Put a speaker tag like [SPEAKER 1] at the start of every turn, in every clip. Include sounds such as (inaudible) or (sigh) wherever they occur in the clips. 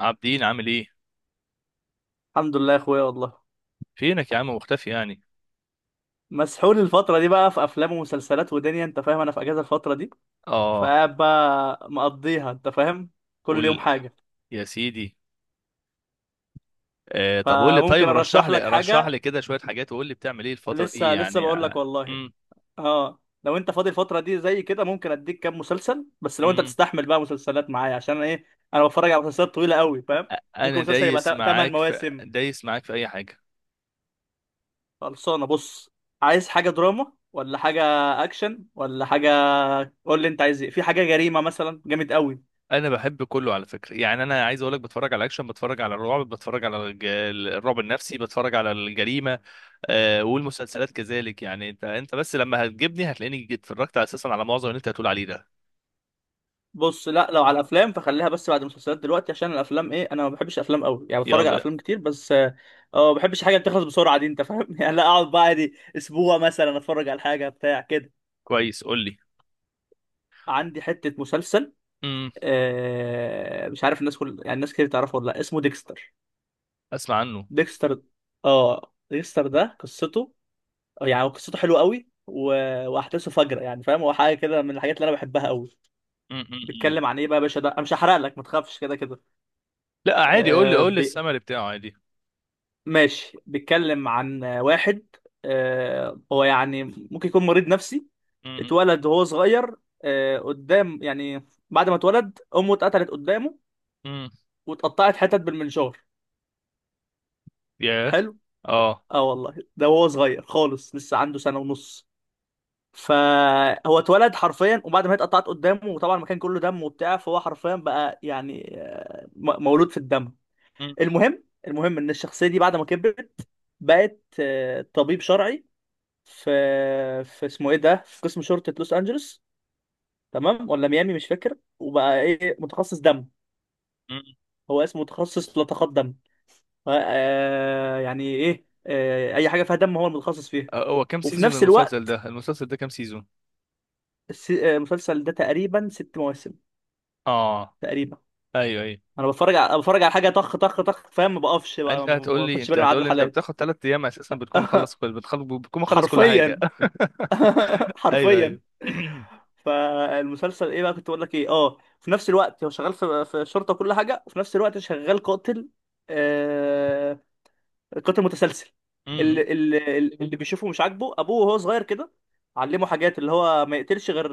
[SPEAKER 1] عابدين، عامل ايه؟
[SPEAKER 2] الحمد لله يا اخويا والله.
[SPEAKER 1] فينك يا عم؟ مختفي يعني؟
[SPEAKER 2] مسحول الفترة دي بقى في افلام ومسلسلات ودنيا، انت فاهم. انا في اجازة الفترة دي،
[SPEAKER 1] اه.
[SPEAKER 2] فقاعد بقى مقضيها، انت فاهم. كل يوم
[SPEAKER 1] قول
[SPEAKER 2] حاجة.
[SPEAKER 1] يا سيدي. طب قول لي،
[SPEAKER 2] فممكن
[SPEAKER 1] طيب رشح
[SPEAKER 2] ارشح
[SPEAKER 1] لي
[SPEAKER 2] لك
[SPEAKER 1] رشح
[SPEAKER 2] حاجة.
[SPEAKER 1] لي كده شويه حاجات، وقول لي بتعمل ايه الفتره دي
[SPEAKER 2] لسه
[SPEAKER 1] يعني؟
[SPEAKER 2] بقول لك والله.
[SPEAKER 1] امم.
[SPEAKER 2] اه، لو انت فاضي الفترة دي زي كده، ممكن اديك كام مسلسل، بس لو انت
[SPEAKER 1] امم.
[SPEAKER 2] تستحمل بقى مسلسلات معايا، عشان أنا ايه، انا بتفرج على مسلسلات طويلة قوي، فاهم. ممكن
[SPEAKER 1] انا
[SPEAKER 2] مسلسل
[SPEAKER 1] دايس
[SPEAKER 2] يبقى 8
[SPEAKER 1] معاك في
[SPEAKER 2] مواسم.
[SPEAKER 1] دايس معاك في اي حاجه.
[SPEAKER 2] خلصانة، بص. عايز حاجة دراما ولا حاجة؟ اكشن ولا حاجة؟ قول لي انت عايز ايه. في حاجة جريمة مثلا جامد قوي.
[SPEAKER 1] انا بحب كله على فكره. يعني انا عايز اقول لك، بتفرج على اكشن، بتفرج على الرعب، بتفرج على الرعب النفسي، بتفرج على الجريمه. والمسلسلات كذلك. يعني انت بس لما هتجيبني هتلاقيني اتفرجت اساسا على معظم اللي انت هتقول عليه ده.
[SPEAKER 2] بص، لا، لو على الافلام فخليها بس بعد المسلسلات دلوقتي، عشان الافلام ايه، انا ما بحبش افلام قوي يعني، بتفرج على
[SPEAKER 1] يلا.
[SPEAKER 2] افلام كتير بس. اه، ما بحبش حاجه بتخلص بسرعه دي، انت فاهم (laughs) يعني. لا، اقعد بقى دي اسبوع مثلا اتفرج على حاجه بتاع كده.
[SPEAKER 1] كويس، قول
[SPEAKER 2] عندي حته مسلسل.
[SPEAKER 1] لي.
[SPEAKER 2] آه، مش عارف الناس، يعني الناس كتير تعرفه ولا لا، اسمه ديكستر.
[SPEAKER 1] اسمع عنه.
[SPEAKER 2] ديكستر. اه، ديكستر ده قصته، يعني هو قصته حلوه قوي، و... واحداثه فجره يعني، فاهم. هو حاجه كده من الحاجات اللي انا بحبها قوي.
[SPEAKER 1] م.
[SPEAKER 2] بيتكلم عن ايه بقى يا باشا؟ ده انا مش هحرق لك، ما تخافش كده.
[SPEAKER 1] لا عادي، قول لي
[SPEAKER 2] كده
[SPEAKER 1] السمري بتاعه عادي.
[SPEAKER 2] ماشي. بيتكلم عن واحد هو يعني ممكن يكون مريض نفسي.
[SPEAKER 1] م- م-
[SPEAKER 2] اتولد وهو صغير، قدام يعني، بعد ما اتولد امه اتقتلت قدامه
[SPEAKER 1] م.
[SPEAKER 2] واتقطعت حتت بالمنشار.
[SPEAKER 1] ياه.
[SPEAKER 2] حلو.
[SPEAKER 1] اه.
[SPEAKER 2] اه والله، ده وهو صغير خالص، لسه عنده سنة ونص. فهو اتولد حرفيا، وبعد ما هي اتقطعت قدامه وطبعا المكان كله دم وبتاع، فهو حرفيا بقى يعني مولود في الدم.
[SPEAKER 1] م-
[SPEAKER 2] المهم، المهم ان الشخصية دي بعد ما كبرت بقت طبيب شرعي في، اسمه ايه ده، في قسم شرطة لوس انجلوس، تمام، ولا ميامي مش فاكر، وبقى ايه متخصص دم.
[SPEAKER 1] م.
[SPEAKER 2] هو اسمه متخصص لطخات دم. آه يعني ايه، آه، اي حاجة فيها دم هو المتخصص فيها.
[SPEAKER 1] هو كام
[SPEAKER 2] وفي
[SPEAKER 1] سيزون
[SPEAKER 2] نفس
[SPEAKER 1] المسلسل
[SPEAKER 2] الوقت
[SPEAKER 1] ده؟ المسلسل ده كام سيزون؟
[SPEAKER 2] المسلسل ده تقريبا 6 مواسم
[SPEAKER 1] اه.
[SPEAKER 2] تقريبا.
[SPEAKER 1] ايوه، ايوه.
[SPEAKER 2] انا بتفرج على حاجة طخ طخ طخ فاهم، ما بقفش بقى،
[SPEAKER 1] انت
[SPEAKER 2] ما
[SPEAKER 1] هتقول لي
[SPEAKER 2] باخدش
[SPEAKER 1] انت
[SPEAKER 2] بالي من عدد
[SPEAKER 1] هتقول لي انت
[SPEAKER 2] الحلقات.
[SPEAKER 1] بتاخد ثلاث ايام اساسا
[SPEAKER 2] (laughs)
[SPEAKER 1] بتكون مخلص كل حاجه.
[SPEAKER 2] حرفيا.
[SPEAKER 1] (laughs)
[SPEAKER 2] (laughs)
[SPEAKER 1] ايوه،
[SPEAKER 2] حرفيا.
[SPEAKER 1] ايوه. (clears throat) م-
[SPEAKER 2] فالمسلسل ايه بقى، كنت بقول لك ايه، اه، في نفس الوقت هو شغال في الشرطه وكل حاجه، وفي نفس الوقت شغال قاتل، آه، قاتل متسلسل.
[SPEAKER 1] م.
[SPEAKER 2] اللي بيشوفه مش عاجبه. ابوه وهو صغير كده علمه حاجات، اللي هو ما يقتلش غير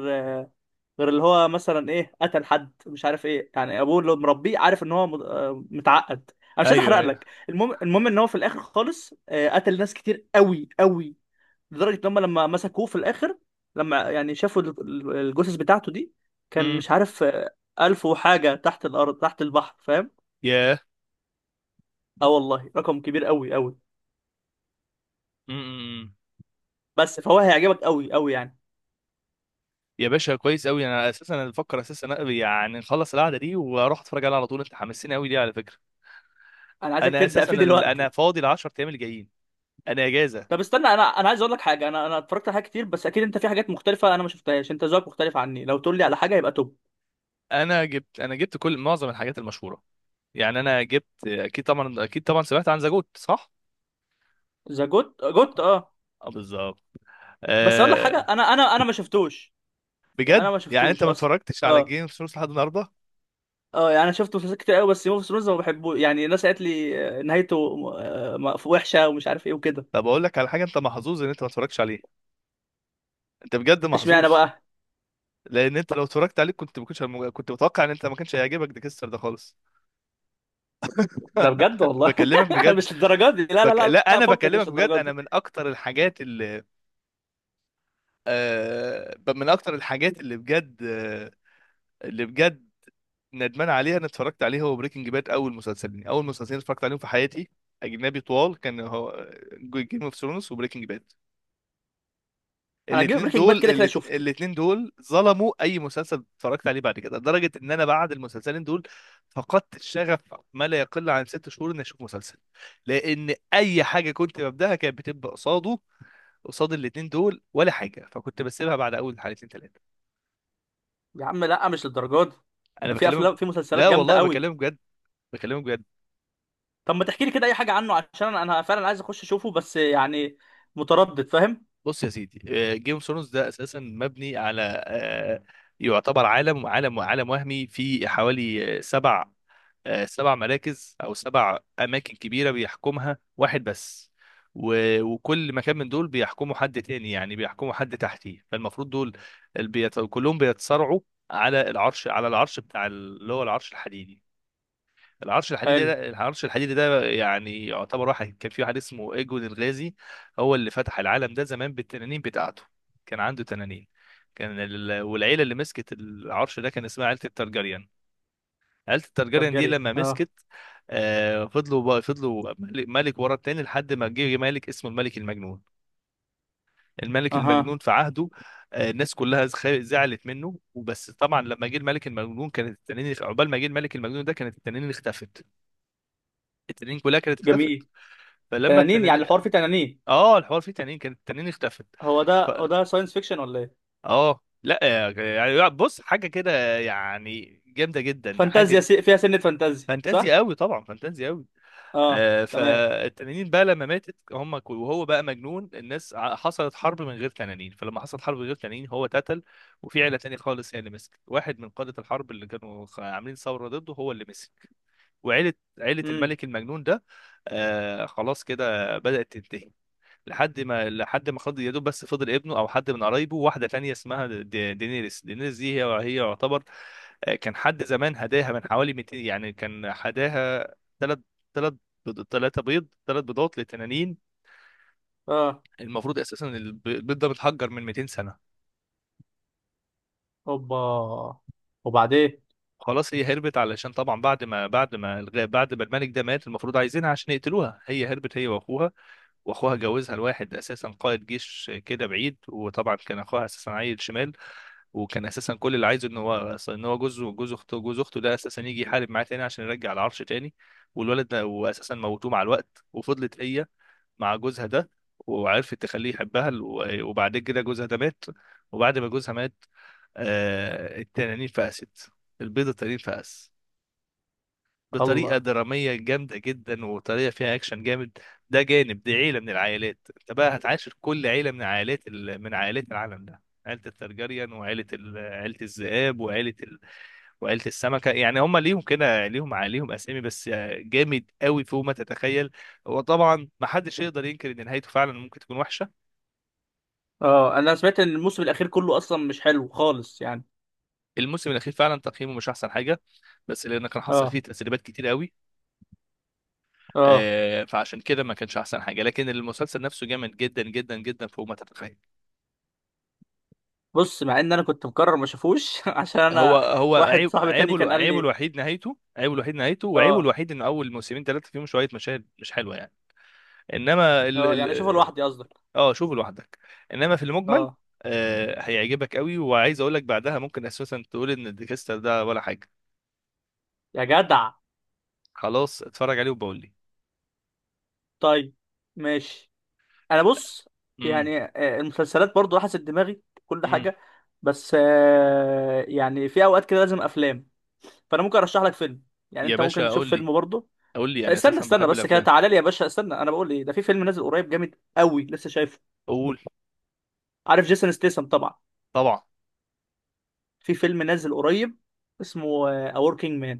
[SPEAKER 2] اللي هو مثلا ايه قتل حد، مش عارف ايه يعني. ابوه اللي مربيه عارف ان هو متعقد. انا مش عايز
[SPEAKER 1] ايوه،
[SPEAKER 2] احرق
[SPEAKER 1] ايوه.
[SPEAKER 2] لك. المهم، المهم ان هو في الاخر خالص قتل ناس كتير قوي قوي، لدرجه ان هم لما مسكوه في الاخر، لما يعني شافوا الجثث بتاعته دي، كان
[SPEAKER 1] م.
[SPEAKER 2] مش عارف. ألف وحاجه تحت الارض تحت البحر، فاهم.
[SPEAKER 1] ياه.
[SPEAKER 2] اه والله، رقم كبير قوي قوي.
[SPEAKER 1] م- م.
[SPEAKER 2] بس فهو هيعجبك قوي قوي يعني.
[SPEAKER 1] يا باشا، كويس قوي. انا اساسا انا بفكر اساسا أنا- يعني نخلص القعده دي واروح اتفرج عليها على طول، انت حمسني قوي دي على فكره.
[SPEAKER 2] انا عايزك تبدا فيه
[SPEAKER 1] انا
[SPEAKER 2] دلوقتي.
[SPEAKER 1] فاضي ال 10 ايام اللي جايين. انا اجازه.
[SPEAKER 2] طب استنى، انا عايز اقول لك حاجه. انا اتفرجت على حاجات كتير، بس اكيد انت في حاجات مختلفه انا ما شفتهاش، انت ذوقك مختلف عني. لو تقول لي على حاجه يبقى توب.
[SPEAKER 1] انا جبت معظم الحاجات المشهوره. يعني انا جبت، اكيد طبعا، سمعت عن زاجوت صح؟
[SPEAKER 2] ذا جوت جوت، اه.
[SPEAKER 1] اه، بالظبط.
[SPEAKER 2] بس اقول لك حاجه،
[SPEAKER 1] آه.
[SPEAKER 2] انا ما شفتوش. يعني
[SPEAKER 1] بجد؟
[SPEAKER 2] انا ما
[SPEAKER 1] يعني انت
[SPEAKER 2] شفتوش
[SPEAKER 1] ما
[SPEAKER 2] اصلا.
[SPEAKER 1] اتفرجتش على
[SPEAKER 2] اه.
[SPEAKER 1] جيم اوف ثرونز لحد النهارده؟
[SPEAKER 2] اه، يعني انا شفت مسلسلات كتير قوي، بس جيم اوف ثرونز ما بحبوش يعني. الناس قالت لي نهايته وحشه ومش عارف ايه وكده.
[SPEAKER 1] طب اقول لك على حاجه، انت محظوظ ان انت ما اتفرجتش عليه. انت بجد
[SPEAKER 2] اشمعنى
[SPEAKER 1] محظوظ.
[SPEAKER 2] بقى؟
[SPEAKER 1] لان انت لو اتفرجت عليه كنت متوقع ان انت ما كانش هيعجبك ديكستر ده خالص.
[SPEAKER 2] ده بجد والله.
[SPEAKER 1] بكلمك
[SPEAKER 2] (laughs)
[SPEAKER 1] بجد.
[SPEAKER 2] مش للدرجه دي، لا لا لا
[SPEAKER 1] لا
[SPEAKER 2] لا،
[SPEAKER 1] انا
[SPEAKER 2] فكك،
[SPEAKER 1] بكلمك
[SPEAKER 2] مش
[SPEAKER 1] بجد.
[SPEAKER 2] للدرجه
[SPEAKER 1] انا
[SPEAKER 2] دي.
[SPEAKER 1] من اكتر الحاجات اللي من اكتر الحاجات اللي بجد، اللي بجد ندمان عليه انا اتفرجت عليه هو بريكنج باد. اول مسلسلين اتفرجت عليهم في حياتي اجنبي طوال كان هو جيم اوف ثرونز وبريكنج باد.
[SPEAKER 2] انا جيم بريكنج باد كده كده شفته.
[SPEAKER 1] الاتنين دول ظلموا اي مسلسل اتفرجت عليه بعد كده، لدرجه ان انا بعد المسلسلين دول فقدت الشغف ما لا يقل عن 6 شهور اني اشوف مسلسل، لان اي حاجه كنت ببداها كانت بتبقى قصاد الاتنين دول ولا حاجه، فكنت بسيبها بعد اول حلقتين ثلاثه.
[SPEAKER 2] يا عم لا، مش للدرجه دي.
[SPEAKER 1] انا
[SPEAKER 2] في
[SPEAKER 1] بكلمك.
[SPEAKER 2] افلام، في مسلسلات
[SPEAKER 1] لا
[SPEAKER 2] جامده
[SPEAKER 1] والله،
[SPEAKER 2] قوي.
[SPEAKER 1] بكلمك بجد. بكلمك بجد.
[SPEAKER 2] طب ما تحكي لي كده اي حاجه عنه، عشان انا فعلا عايز اخش اشوفه، بس يعني متردد فاهم.
[SPEAKER 1] بص يا سيدي، جيم اوف ثرونز ده اساسا مبني على يعتبر عالم وهمي في حوالي سبع مراكز او سبع اماكن كبيره بيحكمها واحد بس. وكل مكان من دول بيحكمه حد تاني، يعني بيحكمه حد تحتيه. فالمفروض دول كلهم بيتصارعوا على العرش بتاع اللي هو العرش الحديدي.
[SPEAKER 2] حلو.
[SPEAKER 1] العرش الحديدي ده يعني يعتبر... كان في واحد اسمه ايجون الغازي. هو اللي فتح العالم ده زمان بالتنانين بتاعته، كان عنده تنانين. والعيله اللي مسكت العرش ده كان اسمها عيله الترجريان. عيله الترجريان دي
[SPEAKER 2] ترجري.
[SPEAKER 1] لما
[SPEAKER 2] اه.
[SPEAKER 1] مسكت، فضلوا ملك ملك ورا التاني لحد ما جه ملك اسمه الملك المجنون. الملك
[SPEAKER 2] اها.
[SPEAKER 1] المجنون، في عهده الناس كلها زعلت منه وبس. طبعا لما جه الملك المجنون كانت التنانين، عقبال ما جه الملك المجنون ده كانت التنانين اختفت. التنانين كلها كانت اختفت.
[SPEAKER 2] جميل.
[SPEAKER 1] فلما
[SPEAKER 2] تنانين؟
[SPEAKER 1] التنانين...
[SPEAKER 2] يعني الحوار فيه تنانين؟
[SPEAKER 1] اه، الحوار فيه تنانين، كانت التنانين اختفت.
[SPEAKER 2] هو ده،
[SPEAKER 1] ف...
[SPEAKER 2] هو ده ساينس فيكشن ولا ايه؟
[SPEAKER 1] اه لا، يعني بص، حاجه كده يعني جامده جدا، حاجه
[SPEAKER 2] فانتازيا فيها سنة، فانتازيا
[SPEAKER 1] فانتازيا
[SPEAKER 2] صح؟
[SPEAKER 1] قوي طبعا، فانتازيا قوي.
[SPEAKER 2] اه تمام.
[SPEAKER 1] فالتنانين بقى لما ماتت وهو بقى مجنون، حصلت حرب من غير تنانين. فلما حصلت حرب من غير تنانين هو اتقتل. وفي عيله تانية خالص هي اللي مسكت. واحد من قاده الحرب اللي كانوا عاملين ثوره ضده هو اللي مسك. وعيله
[SPEAKER 2] امم.
[SPEAKER 1] الملك المجنون ده. خلاص كده بدأت تنتهي. لحد ما خد يا دوب، بس فضل ابنه او حد من قرايبه، واحده تانية اسمها دينيريس دي هي يعتبر... كان حد زمان هداها من حوالي 200، يعني كان هداها ثلاث ثلاث ثلاثه بيض، ثلاث بيضات لتنانين.
[SPEAKER 2] اه.
[SPEAKER 1] المفروض اساسا البيض ده متحجر من 200 سنه.
[SPEAKER 2] اوبا. وبعدين.
[SPEAKER 1] خلاص، هي هربت علشان طبعا بعد ما الملك ده مات المفروض عايزينها عشان يقتلوها. هي هربت، هي واخوها. واخوها جوزها لواحد اساسا قائد جيش كده بعيد، وطبعا كان اخوها اساسا عيل شمال. وكان اساسا كل اللي عايزه ان هو جوز اخته ده اساسا يجي يحارب معاه تاني عشان يرجع العرش تاني. والولد ده واساسا موتوه مع الوقت وفضلت هي مع جوزها ده. وعرفت تخليه يحبها، وبعد كده جوزها ده مات. وبعد ما جوزها مات التنانين فقست. البيضة التنين فقس بطريقه
[SPEAKER 2] الله.
[SPEAKER 1] دراميه جامده جدا وطريقه فيها اكشن جامد. ده جانب. دي عيله من العائلات، انت بقى هتعاشر كل عيله من عائلات من عائلات العالم ده، عيله الترجريان وعيله عيله الذئاب وعيله وعيله السمكه. يعني هم ليهم كده ليهم ع- ليهم اسامي بس جامد قوي فوق ما تتخيل. وطبعا ما حدش يقدر ينكر ان نهايته فعلا ممكن تكون وحشه.
[SPEAKER 2] اه، انا سمعت ان الموسم الاخير كله اصلا مش حلو خالص يعني.
[SPEAKER 1] الموسم الاخير فعلا تقييمه مش احسن حاجه، بس لان كان حصل
[SPEAKER 2] اه.
[SPEAKER 1] فيه تسريبات كتير قوي.
[SPEAKER 2] اه.
[SPEAKER 1] فعشان كده ما كانش احسن حاجه. لكن المسلسل نفسه جامد جدا جدا جدا فوق ما تتخيل.
[SPEAKER 2] بص، مع ان انا كنت مقرر ما اشوفوش (laughs) عشان
[SPEAKER 1] لا، هو
[SPEAKER 2] انا.
[SPEAKER 1] هو
[SPEAKER 2] واحد صاحبي تاني
[SPEAKER 1] عيبه
[SPEAKER 2] كان قال
[SPEAKER 1] عيبه
[SPEAKER 2] لي.
[SPEAKER 1] الوحيد نهايته، وعيبه
[SPEAKER 2] اه.
[SPEAKER 1] الوحيد ان اول موسمين ثلاثه فيهم شويه مشاهد مش حلوه يعني. انما ال
[SPEAKER 2] اه يعني اشوفه
[SPEAKER 1] ال
[SPEAKER 2] لوحدي قصدك؟
[SPEAKER 1] اه، شوفه لوحدك. انما في المجمل،
[SPEAKER 2] اه.
[SPEAKER 1] هيعجبك قوي. وعايز اقول لك بعدها ممكن اساسا تقول ان ديكستر ده ولا حاجه.
[SPEAKER 2] يا جدع.
[SPEAKER 1] خلاص، اتفرج عليه وبقول لي.
[SPEAKER 2] طيب. ماشي. انا بص،
[SPEAKER 1] امم.
[SPEAKER 2] يعني المسلسلات برضو حسب دماغي كل
[SPEAKER 1] امم.
[SPEAKER 2] حاجة. بس يعني في اوقات كده لازم افلام. فانا ممكن ارشح لك فيلم، يعني
[SPEAKER 1] يا
[SPEAKER 2] انت ممكن
[SPEAKER 1] باشا، قول
[SPEAKER 2] تشوف
[SPEAKER 1] لي.
[SPEAKER 2] فيلم برضه.
[SPEAKER 1] قول لي، انا
[SPEAKER 2] استنى
[SPEAKER 1] اساسا
[SPEAKER 2] استنى
[SPEAKER 1] بحب
[SPEAKER 2] بس كده،
[SPEAKER 1] الافلام.
[SPEAKER 2] تعالى لي يا باشا. استنى، انا بقول ايه ده، في فيلم نازل قريب جامد قوي، لسه شايفه.
[SPEAKER 1] قول.
[SPEAKER 2] عارف جيسون ستيسم طبعا،
[SPEAKER 1] طبعا.
[SPEAKER 2] في فيلم نازل قريب اسمه A Working Man.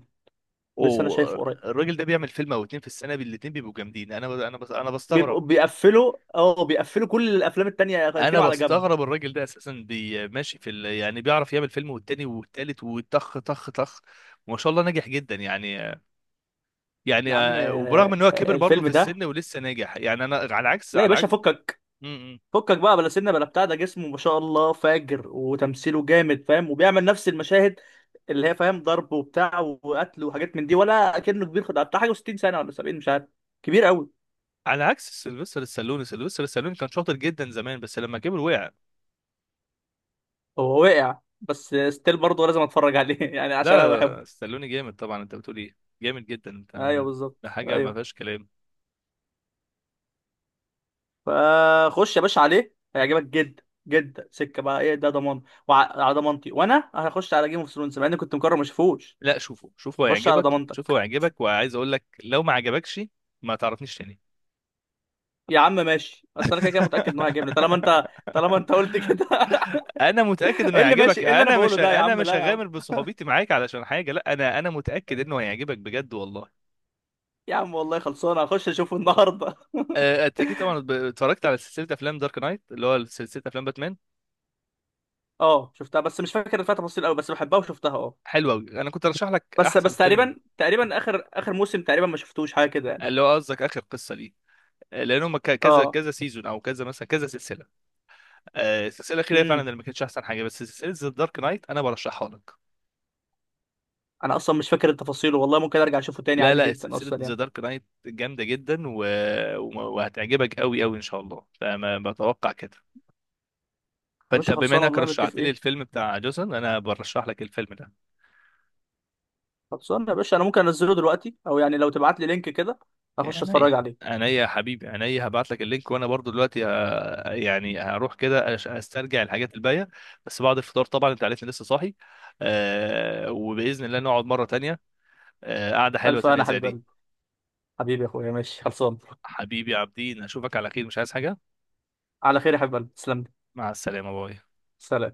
[SPEAKER 2] لسه انا
[SPEAKER 1] اوه.
[SPEAKER 2] شايفه قريب.
[SPEAKER 1] الراجل ده بيعمل فيلم او اتنين في السنه، الاتنين بيبقوا جامدين. انا
[SPEAKER 2] بيبقوا
[SPEAKER 1] بستغرب.
[SPEAKER 2] بيقفلوا كل الافلام التانية،
[SPEAKER 1] انا
[SPEAKER 2] يركنوا على جنب.
[SPEAKER 1] بستغرب، الراجل ده اساسا ماشي في يعني بيعرف يعمل فيلم والتاني والتالت وطخ طخ طخ وما شاء الله ناجح جدا يعني. يعني
[SPEAKER 2] يا عم،
[SPEAKER 1] وبرغم ان هو كبر برضه
[SPEAKER 2] الفيلم
[SPEAKER 1] في
[SPEAKER 2] ده،
[SPEAKER 1] السن ولسه ناجح. يعني انا
[SPEAKER 2] لا يا
[SPEAKER 1] على
[SPEAKER 2] باشا
[SPEAKER 1] عكس...
[SPEAKER 2] فكك،
[SPEAKER 1] م -م.
[SPEAKER 2] فكك بقى، بلا سنه بلا بتاع، ده جسمه ما شاء الله فاجر، وتمثيله جامد فاهم، وبيعمل نفس المشاهد اللي هي فاهم ضرب وبتاع وقتل وحاجات من دي، ولا كأنه كبير. خد بتاع حاجه 60 سنه ولا 70، مش عارف، كبير قوي.
[SPEAKER 1] على عكس سيلفستر السالوني كان شاطر جدا زمان بس لما كبر وقع.
[SPEAKER 2] هو وقع، بس ستيل برضه لازم اتفرج عليه (laughs) يعني، عشان انا
[SPEAKER 1] لا،
[SPEAKER 2] بحبه.
[SPEAKER 1] السالوني جامد طبعا، انت بتقول ايه؟ جامد جدا،
[SPEAKER 2] ايوه
[SPEAKER 1] انت. ده
[SPEAKER 2] بالظبط،
[SPEAKER 1] حاجه ما
[SPEAKER 2] ايوه.
[SPEAKER 1] فيهاش كلام.
[SPEAKER 2] فخش يا باشا عليه، هيعجبك جدا جدا. سكه بقى ايه ده، ضمان. وعلى ضمانتي، وانا هخش على جيم اوف ثرونز مع اني كنت مقرر ما اشوفوش.
[SPEAKER 1] لا، شوفه، شوفه
[SPEAKER 2] هخش على
[SPEAKER 1] هيعجبك، شوفه
[SPEAKER 2] ضمانتك.
[SPEAKER 1] هيعجبك. وعايز اقول لك لو ما عجبكش ما تعرفنيش تاني.
[SPEAKER 2] يا عم ماشي، بس انا كده كده متاكد ان هو هيجيبني، طالما انت طالما
[SPEAKER 1] (laughs)
[SPEAKER 2] انت قلت كده.
[SPEAKER 1] انا متاكد
[SPEAKER 2] (laughs)
[SPEAKER 1] انه
[SPEAKER 2] ايه اللي ماشي،
[SPEAKER 1] هيعجبك.
[SPEAKER 2] ايه اللي انا
[SPEAKER 1] انا
[SPEAKER 2] بقوله
[SPEAKER 1] مش
[SPEAKER 2] ده، يا
[SPEAKER 1] انا
[SPEAKER 2] عم
[SPEAKER 1] مش
[SPEAKER 2] لا يا عم،
[SPEAKER 1] هغامر بصحوبيتي معاك علشان حاجه. لا، انا متاكد انه هيعجبك بجد والله.
[SPEAKER 2] يا عم والله خلصانه، هخش اشوفه النهارده.
[SPEAKER 1] انت اكيد طبعا اتفرجت على سلسله افلام دارك نايت اللي هو سلسله افلام باتمان.
[SPEAKER 2] (laughs) اه شفتها، بس مش فاكر فيها تفاصيل قوي، بس بحبها وشفتها اه.
[SPEAKER 1] حلوه قوي، انا كنت ارشح لك
[SPEAKER 2] بس
[SPEAKER 1] احسن
[SPEAKER 2] بس
[SPEAKER 1] فيلم.
[SPEAKER 2] تقريبا، تقريبا اخر موسم تقريبا ما شفتوش حاجه كده يعني.
[SPEAKER 1] اللي هو قصدك اخر قصه، ليه؟ لان هم كذا
[SPEAKER 2] اه.
[SPEAKER 1] كذا سيزون او كذا مثلا كذا سلسله. السلسله الاخيره فعلا
[SPEAKER 2] امم.
[SPEAKER 1] اللي ما كانتش احسن حاجه. بس سلسله ذا دارك نايت انا برشحها لك.
[SPEAKER 2] انا اصلا مش فاكر التفاصيل والله، ممكن ارجع اشوفه تاني
[SPEAKER 1] لا،
[SPEAKER 2] عادي
[SPEAKER 1] لا،
[SPEAKER 2] جدا
[SPEAKER 1] سلسله
[SPEAKER 2] اصلا
[SPEAKER 1] ذا
[SPEAKER 2] يعني.
[SPEAKER 1] دارك نايت جامده جدا، و- وهتعجبك قوي قوي ان شاء الله، فما بتوقع كده.
[SPEAKER 2] يا
[SPEAKER 1] فانت
[SPEAKER 2] باشا
[SPEAKER 1] بما
[SPEAKER 2] خلصانه
[SPEAKER 1] انك
[SPEAKER 2] والله،
[SPEAKER 1] رشحت لي
[SPEAKER 2] متفقين.
[SPEAKER 1] الفيلم بتاع جوسن، انا برشح لك الفيلم ده.
[SPEAKER 2] خلصانه يا باشا، انا ممكن انزله دلوقتي، او يعني لو تبعت لي لينك كده اخش
[SPEAKER 1] عينيا،
[SPEAKER 2] اتفرج عليه.
[SPEAKER 1] عينيا يا حبيبي، عينيا. هبعت لك اللينك، وانا برضو دلوقتي يعني هروح كده استرجع الحاجات الباقيه. بس بعد الفطار طبعا، انت عارفني لسه صاحي. وباذن الله نقعد مره تانية. قعده حلوه
[SPEAKER 2] الف،
[SPEAKER 1] تانية
[SPEAKER 2] انا
[SPEAKER 1] زي
[SPEAKER 2] حبيب
[SPEAKER 1] دي.
[SPEAKER 2] قلبي. حبيبي يا اخويا ماشي خلصان.
[SPEAKER 1] حبيبي عابدين، اشوفك على خير، مش عايز حاجة.
[SPEAKER 2] على خير يا حبيب قلبي، تسلم لي.
[SPEAKER 1] مع السلامة، باي.
[SPEAKER 2] سلام.